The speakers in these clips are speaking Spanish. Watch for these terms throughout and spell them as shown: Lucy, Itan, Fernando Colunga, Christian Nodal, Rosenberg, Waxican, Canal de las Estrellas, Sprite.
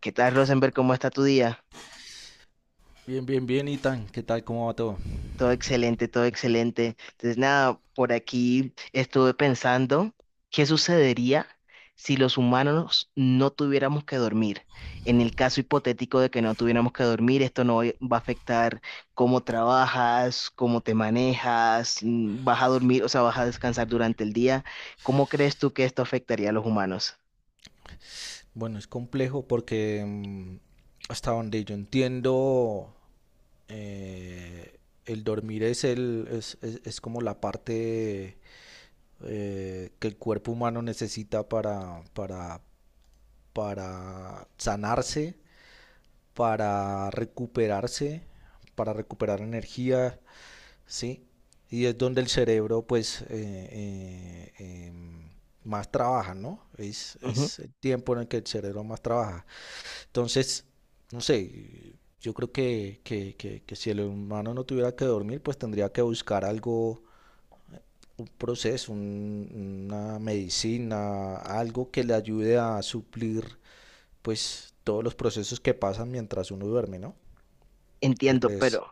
¿Qué tal, Rosenberg? ¿Cómo está tu día? Bien, bien, bien, Itan, ¿qué tal? ¿Cómo va todo? Todo excelente, todo excelente. Entonces, nada, por aquí estuve pensando qué sucedería si los humanos no tuviéramos que dormir. En el caso hipotético de que no tuviéramos que dormir, esto no va a afectar cómo trabajas, cómo te manejas, vas a dormir, o sea, vas a descansar durante el día. ¿Cómo crees tú que esto afectaría a los humanos? Bueno, es complejo porque hasta donde yo entiendo, el dormir es como la parte que el cuerpo humano necesita para, para sanarse, para recuperarse, para recuperar energía, ¿sí? Y es donde el cerebro, pues, em, más trabaja, ¿no? Es, Ujú. es el tiempo en el que el cerebro más trabaja. Entonces, no sé, yo creo que si el humano no tuviera que dormir, pues tendría que buscar algo, un proceso, una medicina, algo que le ayude a suplir, pues, todos los procesos que pasan mientras uno duerme, ¿no? ¿Qué Entiendo, crees? pero.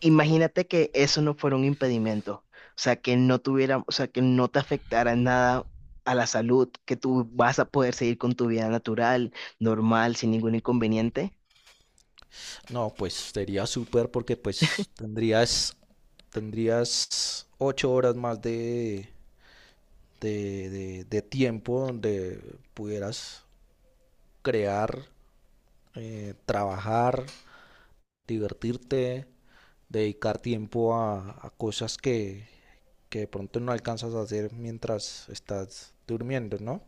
Imagínate que eso no fuera un impedimento, o sea, que no tuviera, o sea, que no te afectara en nada a la salud, que tú vas a poder seguir con tu vida natural, normal, sin ningún inconveniente. No, pues sería súper porque pues tendrías ocho horas más de tiempo donde pudieras crear, trabajar, divertirte, dedicar tiempo a cosas que de pronto no alcanzas a hacer mientras estás durmiendo, ¿no?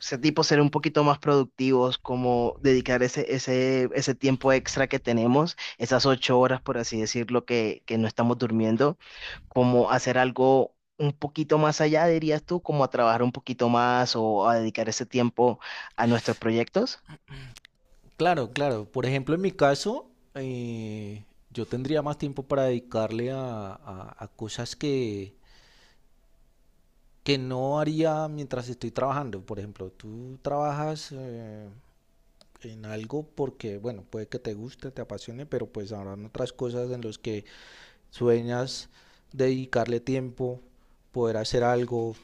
O sea, tipo ser un poquito más productivos, como dedicar ese tiempo extra que tenemos, esas 8 horas, por así decirlo, que no estamos durmiendo, como hacer algo un poquito más allá, dirías tú, como a trabajar un poquito más o a dedicar ese tiempo a nuestros proyectos. Claro, claro. Por ejemplo, en mi caso, yo tendría más tiempo para dedicarle a, a cosas que no haría mientras estoy trabajando. Por ejemplo, tú trabajas en algo porque, bueno, puede que te guste, te apasione, pero pues habrán otras cosas en las que sueñas dedicarle tiempo, poder hacer algo,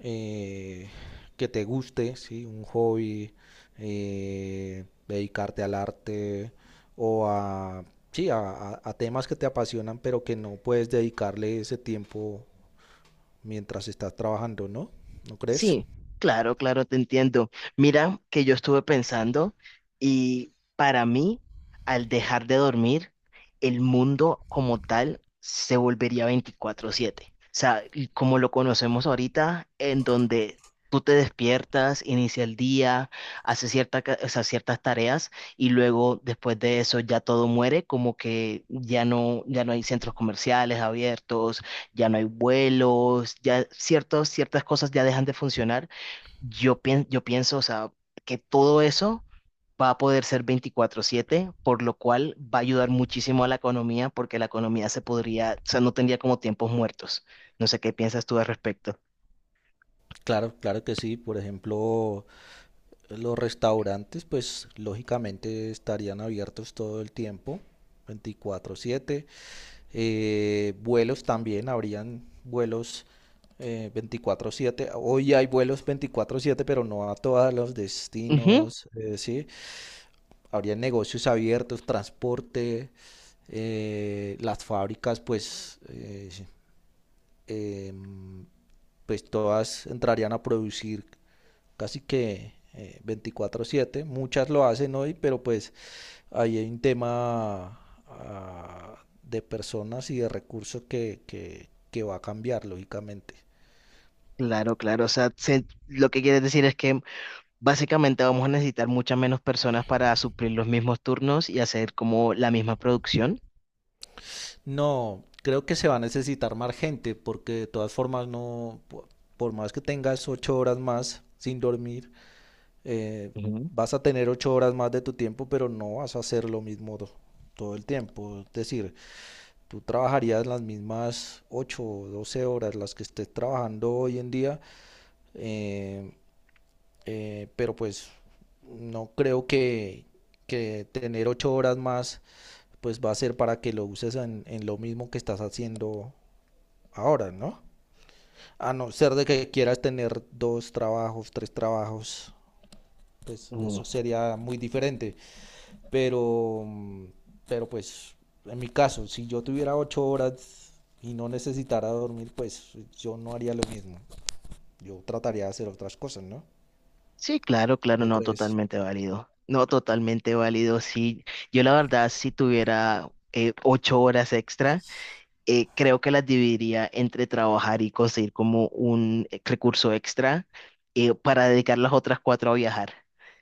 eh, que te guste, ¿sí? Un hobby, dedicarte al arte o a, sí, a temas que te apasionan, pero que no puedes dedicarle ese tiempo mientras estás trabajando, ¿no? ¿No crees? Sí, claro, claro, te entiendo. Mira que yo estuve pensando y para mí, al dejar de dormir, el mundo como tal se volvería 24/7. O sea, y como lo conocemos ahorita, en donde tú te despiertas, inicia el día, haces o sea, ciertas tareas y luego después de eso ya todo muere, como que ya no hay centros comerciales abiertos, ya no hay vuelos, ya ciertas cosas ya dejan de funcionar. Yo pienso, o sea, que todo eso va a poder ser 24/7, por lo cual va a ayudar muchísimo a la economía, porque la economía se podría, o sea, no tendría como tiempos muertos. No sé qué piensas tú al respecto. Claro, claro que sí. Por ejemplo, los restaurantes, pues lógicamente estarían abiertos todo el tiempo, 24/7. Vuelos también, habrían vuelos, 24/7. Hoy hay vuelos 24/7, pero no a todos los Ujú. destinos, sí. Habrían negocios abiertos, transporte, las fábricas, em, pues todas entrarían a producir casi que, 24/7. Muchas lo hacen hoy, pero pues ahí hay un tema, de personas y de recursos que va a cambiar, lógicamente. Claro, claro, o sea, lo que quieres decir es que básicamente vamos a necesitar muchas menos personas para suplir los mismos turnos y hacer como la misma producción. No, creo que se va a necesitar más gente, porque de todas formas no, por más que tengas ocho horas más sin dormir, eh, vas a tener ocho horas más de tu tiempo, pero no vas a hacer lo mismo todo el tiempo. Es decir, tú trabajarías las mismas 8, o 12 horas las que estés trabajando hoy en día, eh, pero pues no creo que tener 8 horas más pues va a ser para que lo uses en lo mismo que estás haciendo ahora, ¿no? A no ser de que quieras tener dos trabajos, tres trabajos, pues Ujú. eso sería muy diferente. Pero, pero pues, en mi caso, si yo tuviera ocho horas y no necesitara dormir, pues yo no haría lo mismo. Yo trataría de hacer otras cosas, ¿no? Sí, claro, claro, ¿Qué no, crees? totalmente válido. No, totalmente válido. Sí, yo la verdad, si tuviera 8 horas extra creo que las dividiría entre trabajar y conseguir como un recurso extra para dedicar las otras cuatro a viajar.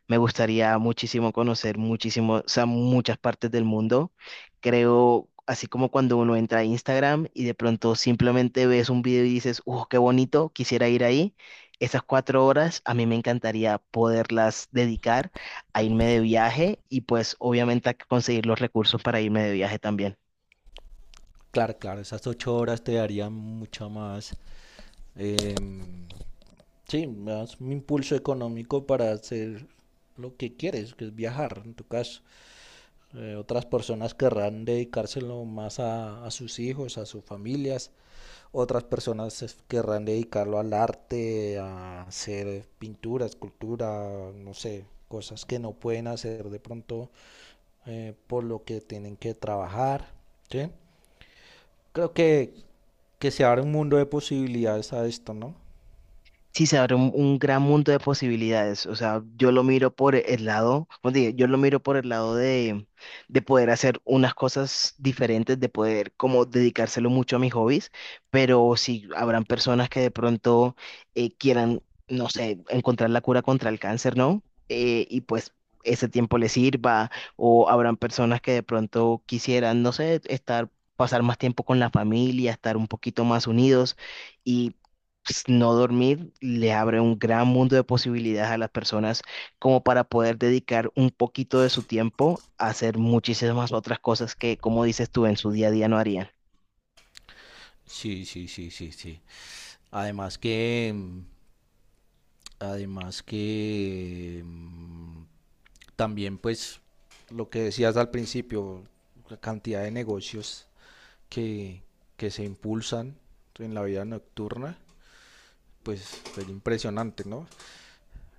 Me gustaría muchísimo conocer muchísimo, o sea, muchas partes del mundo. Creo, así como cuando uno entra a Instagram y de pronto simplemente ves un video y dices, ¡uh, qué bonito! Quisiera ir ahí. Esas 4 horas a mí me encantaría poderlas dedicar a irme de viaje y pues obviamente a conseguir los recursos para irme de viaje también. Claro, claro, esas ocho horas te darían mucha más, em, sí, más un impulso económico para hacer lo que quieres, que es viajar, en tu caso. Otras personas querrán dedicárselo más a sus hijos, a sus familias. Otras personas se querrán dedicarlo al arte, a hacer pintura, escultura, no sé, cosas que no pueden hacer de pronto, por lo que tienen que trabajar, ¿sí? Creo que se abre un mundo de posibilidades a esto, ¿no? Sí, se abre un gran mundo de posibilidades. O sea, yo lo miro por el lado, como te dije, yo lo miro por el lado de poder hacer unas cosas diferentes, de poder como dedicárselo mucho a mis hobbies, pero si habrán personas que de pronto quieran, no sé, encontrar la cura contra el cáncer, ¿no? Y pues ese tiempo les sirva, o habrán personas que de pronto quisieran, no sé, estar, pasar más tiempo con la familia, estar un poquito más unidos. Y pues, no dormir le abre un gran mundo de posibilidades a las personas como para poder dedicar un poquito de su tiempo a hacer muchísimas otras cosas que, como dices tú, en su día a día no harían. Sí, sí, sí, sí, sí. Además que, mm, además que también pues lo que decías al principio, la cantidad de negocios que, que se impulsan en la vida nocturna, pues es impresionante, ¿no?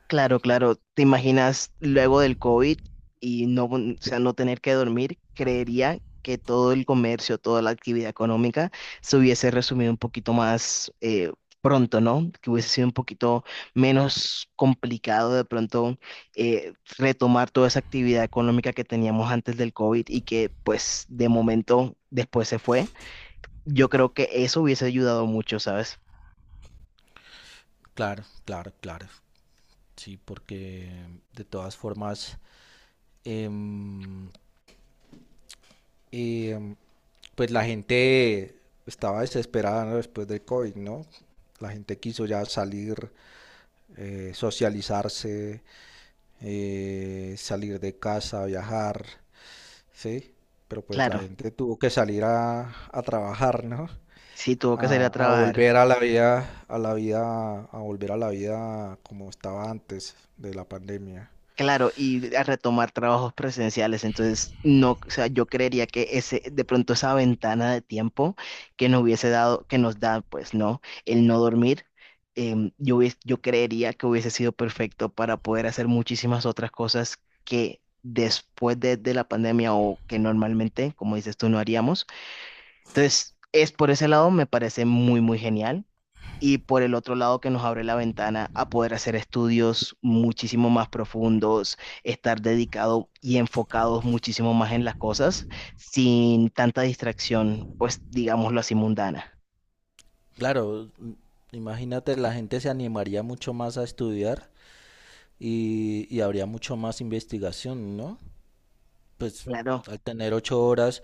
Claro, claro. ¿Te imaginas luego del COVID y no, o sea, no tener que dormir? Creería que todo el comercio, toda la actividad económica se hubiese resumido un poquito más pronto, ¿no? Que hubiese sido un poquito menos complicado de pronto eh, retomar toda esa actividad económica que teníamos antes del COVID y que pues de momento después se fue. Yo creo que eso hubiese ayudado mucho, ¿sabes? Claro, claro, claro. Sí, porque de todas formas, em, em, pues la gente estaba desesperada, ¿no? Después del COVID, ¿no? La gente quiso ya salir, socializarse, salir de casa, viajar, ¿sí? Pero pues la Claro, gente tuvo que salir a trabajar, ¿no? sí, tuvo que salir a A, a trabajar. volver a la vida, como estaba antes de la pandemia. Claro, y a retomar trabajos presenciales. Entonces, no, o sea, yo creería que de pronto esa ventana de tiempo que nos hubiese dado, que nos da, pues, ¿no? El no dormir, yo creería que hubiese sido perfecto para poder hacer muchísimas otras cosas que después de la pandemia o que normalmente, como dices tú, no haríamos. Entonces, es por ese lado me parece muy, muy genial. Y por el otro lado que nos abre la ventana a poder hacer estudios muchísimo más profundos, estar dedicado y enfocados muchísimo más en las cosas, sin tanta distracción, pues digámoslo así, mundana. Claro, m- imagínate, la gente se animaría mucho más a estudiar y habría mucho más investigación, ¿no? Pues Claro. al tener ocho horas,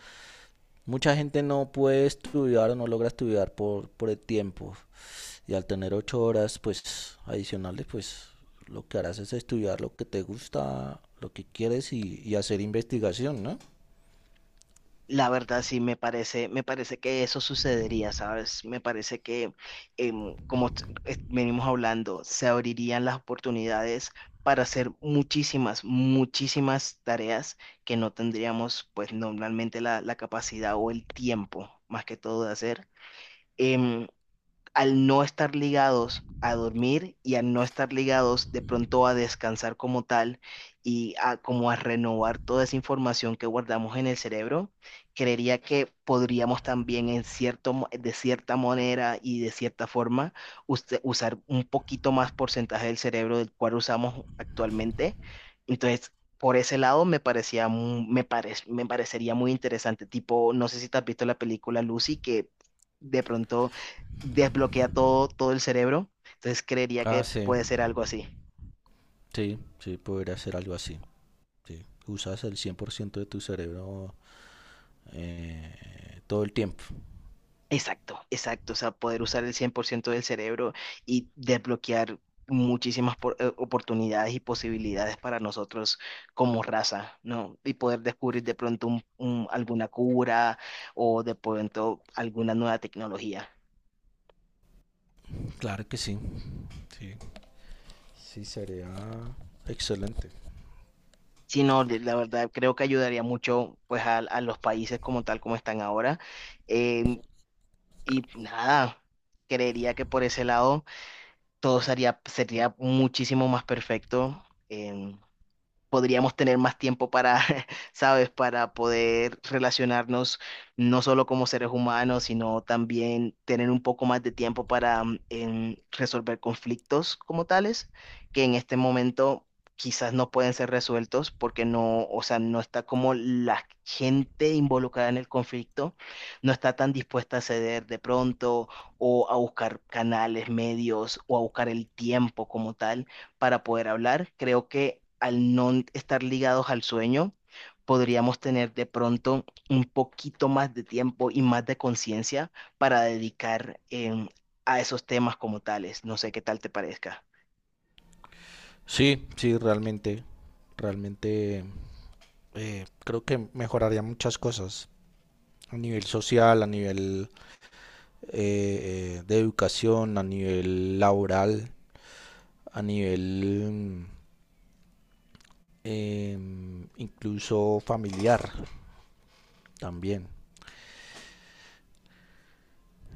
mucha gente no puede estudiar o no logra estudiar por el tiempo. Y al tener ocho horas, pues adicionales, pues lo que harás es estudiar lo que te gusta, lo que quieres y hacer investigación, ¿no? La verdad sí me parece que eso sucedería, ¿sabes? Me parece que, como venimos hablando, se abrirían las oportunidades para hacer muchísimas, muchísimas tareas que no tendríamos, pues, normalmente la capacidad o el tiempo, más que todo, de hacer. Em, al no estar ligados a dormir y al no estar ligados de pronto a descansar como tal y a como a renovar toda esa información que guardamos en el cerebro, creería que podríamos también en de cierta manera y de cierta forma usar un poquito más porcentaje del cerebro del cual usamos actualmente. Entonces, por ese lado me parecía, mu- me parec- me parecería muy interesante. Tipo, no sé si te has visto la película Lucy, que de pronto desbloquea todo, todo el cerebro. Entonces creería Ah, que sí. puede ser algo así. Sí, sí, podría hacer algo así. Sí. Usas el 100% de tu cerebro, todo el tiempo. Exacto, exacto. O sea, poder usar el 100% del cerebro y desbloquear muchísimas oportunidades y posibilidades para nosotros como raza, ¿no? Y poder descubrir de pronto alguna cura o de pronto alguna nueva tecnología. Claro que sí. Sí, sí, sería excelente. Sí, no, la verdad creo que ayudaría mucho pues a los países como tal como están ahora. Em, y nada, creería que por ese lado, todo sería, muchísimo más perfecto. em, podríamos tener más tiempo para, ¿sabes? Para poder relacionarnos no solo como seres humanos, sino también tener un poco más de tiempo para resolver conflictos como tales, que en este momento quizás no pueden ser resueltos porque no, o sea, no está como la gente involucrada en el conflicto, no está tan dispuesta a ceder de pronto o a buscar canales, medios o a buscar el tiempo como tal para poder hablar. Creo que al no estar ligados al sueño, podríamos tener de pronto un poquito más de tiempo y más de conciencia para dedicar a esos temas como tales. No sé qué tal te parezca. Sí, sí, realmente. Realmente Creo que mejoraría muchas cosas. A nivel social, a nivel, de educación, a nivel laboral, a nivel, incluso familiar también.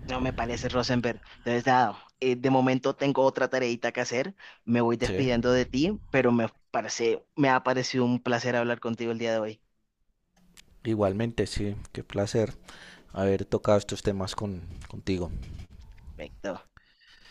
No me parece, Rosenberg. Entonces, nada, de momento tengo otra tareita que hacer. Me voy Sí, despidiendo de ti, pero me ha parecido un placer hablar contigo el día de hoy. igualmente, sí, qué placer haber tocado estos temas contigo. Perfecto.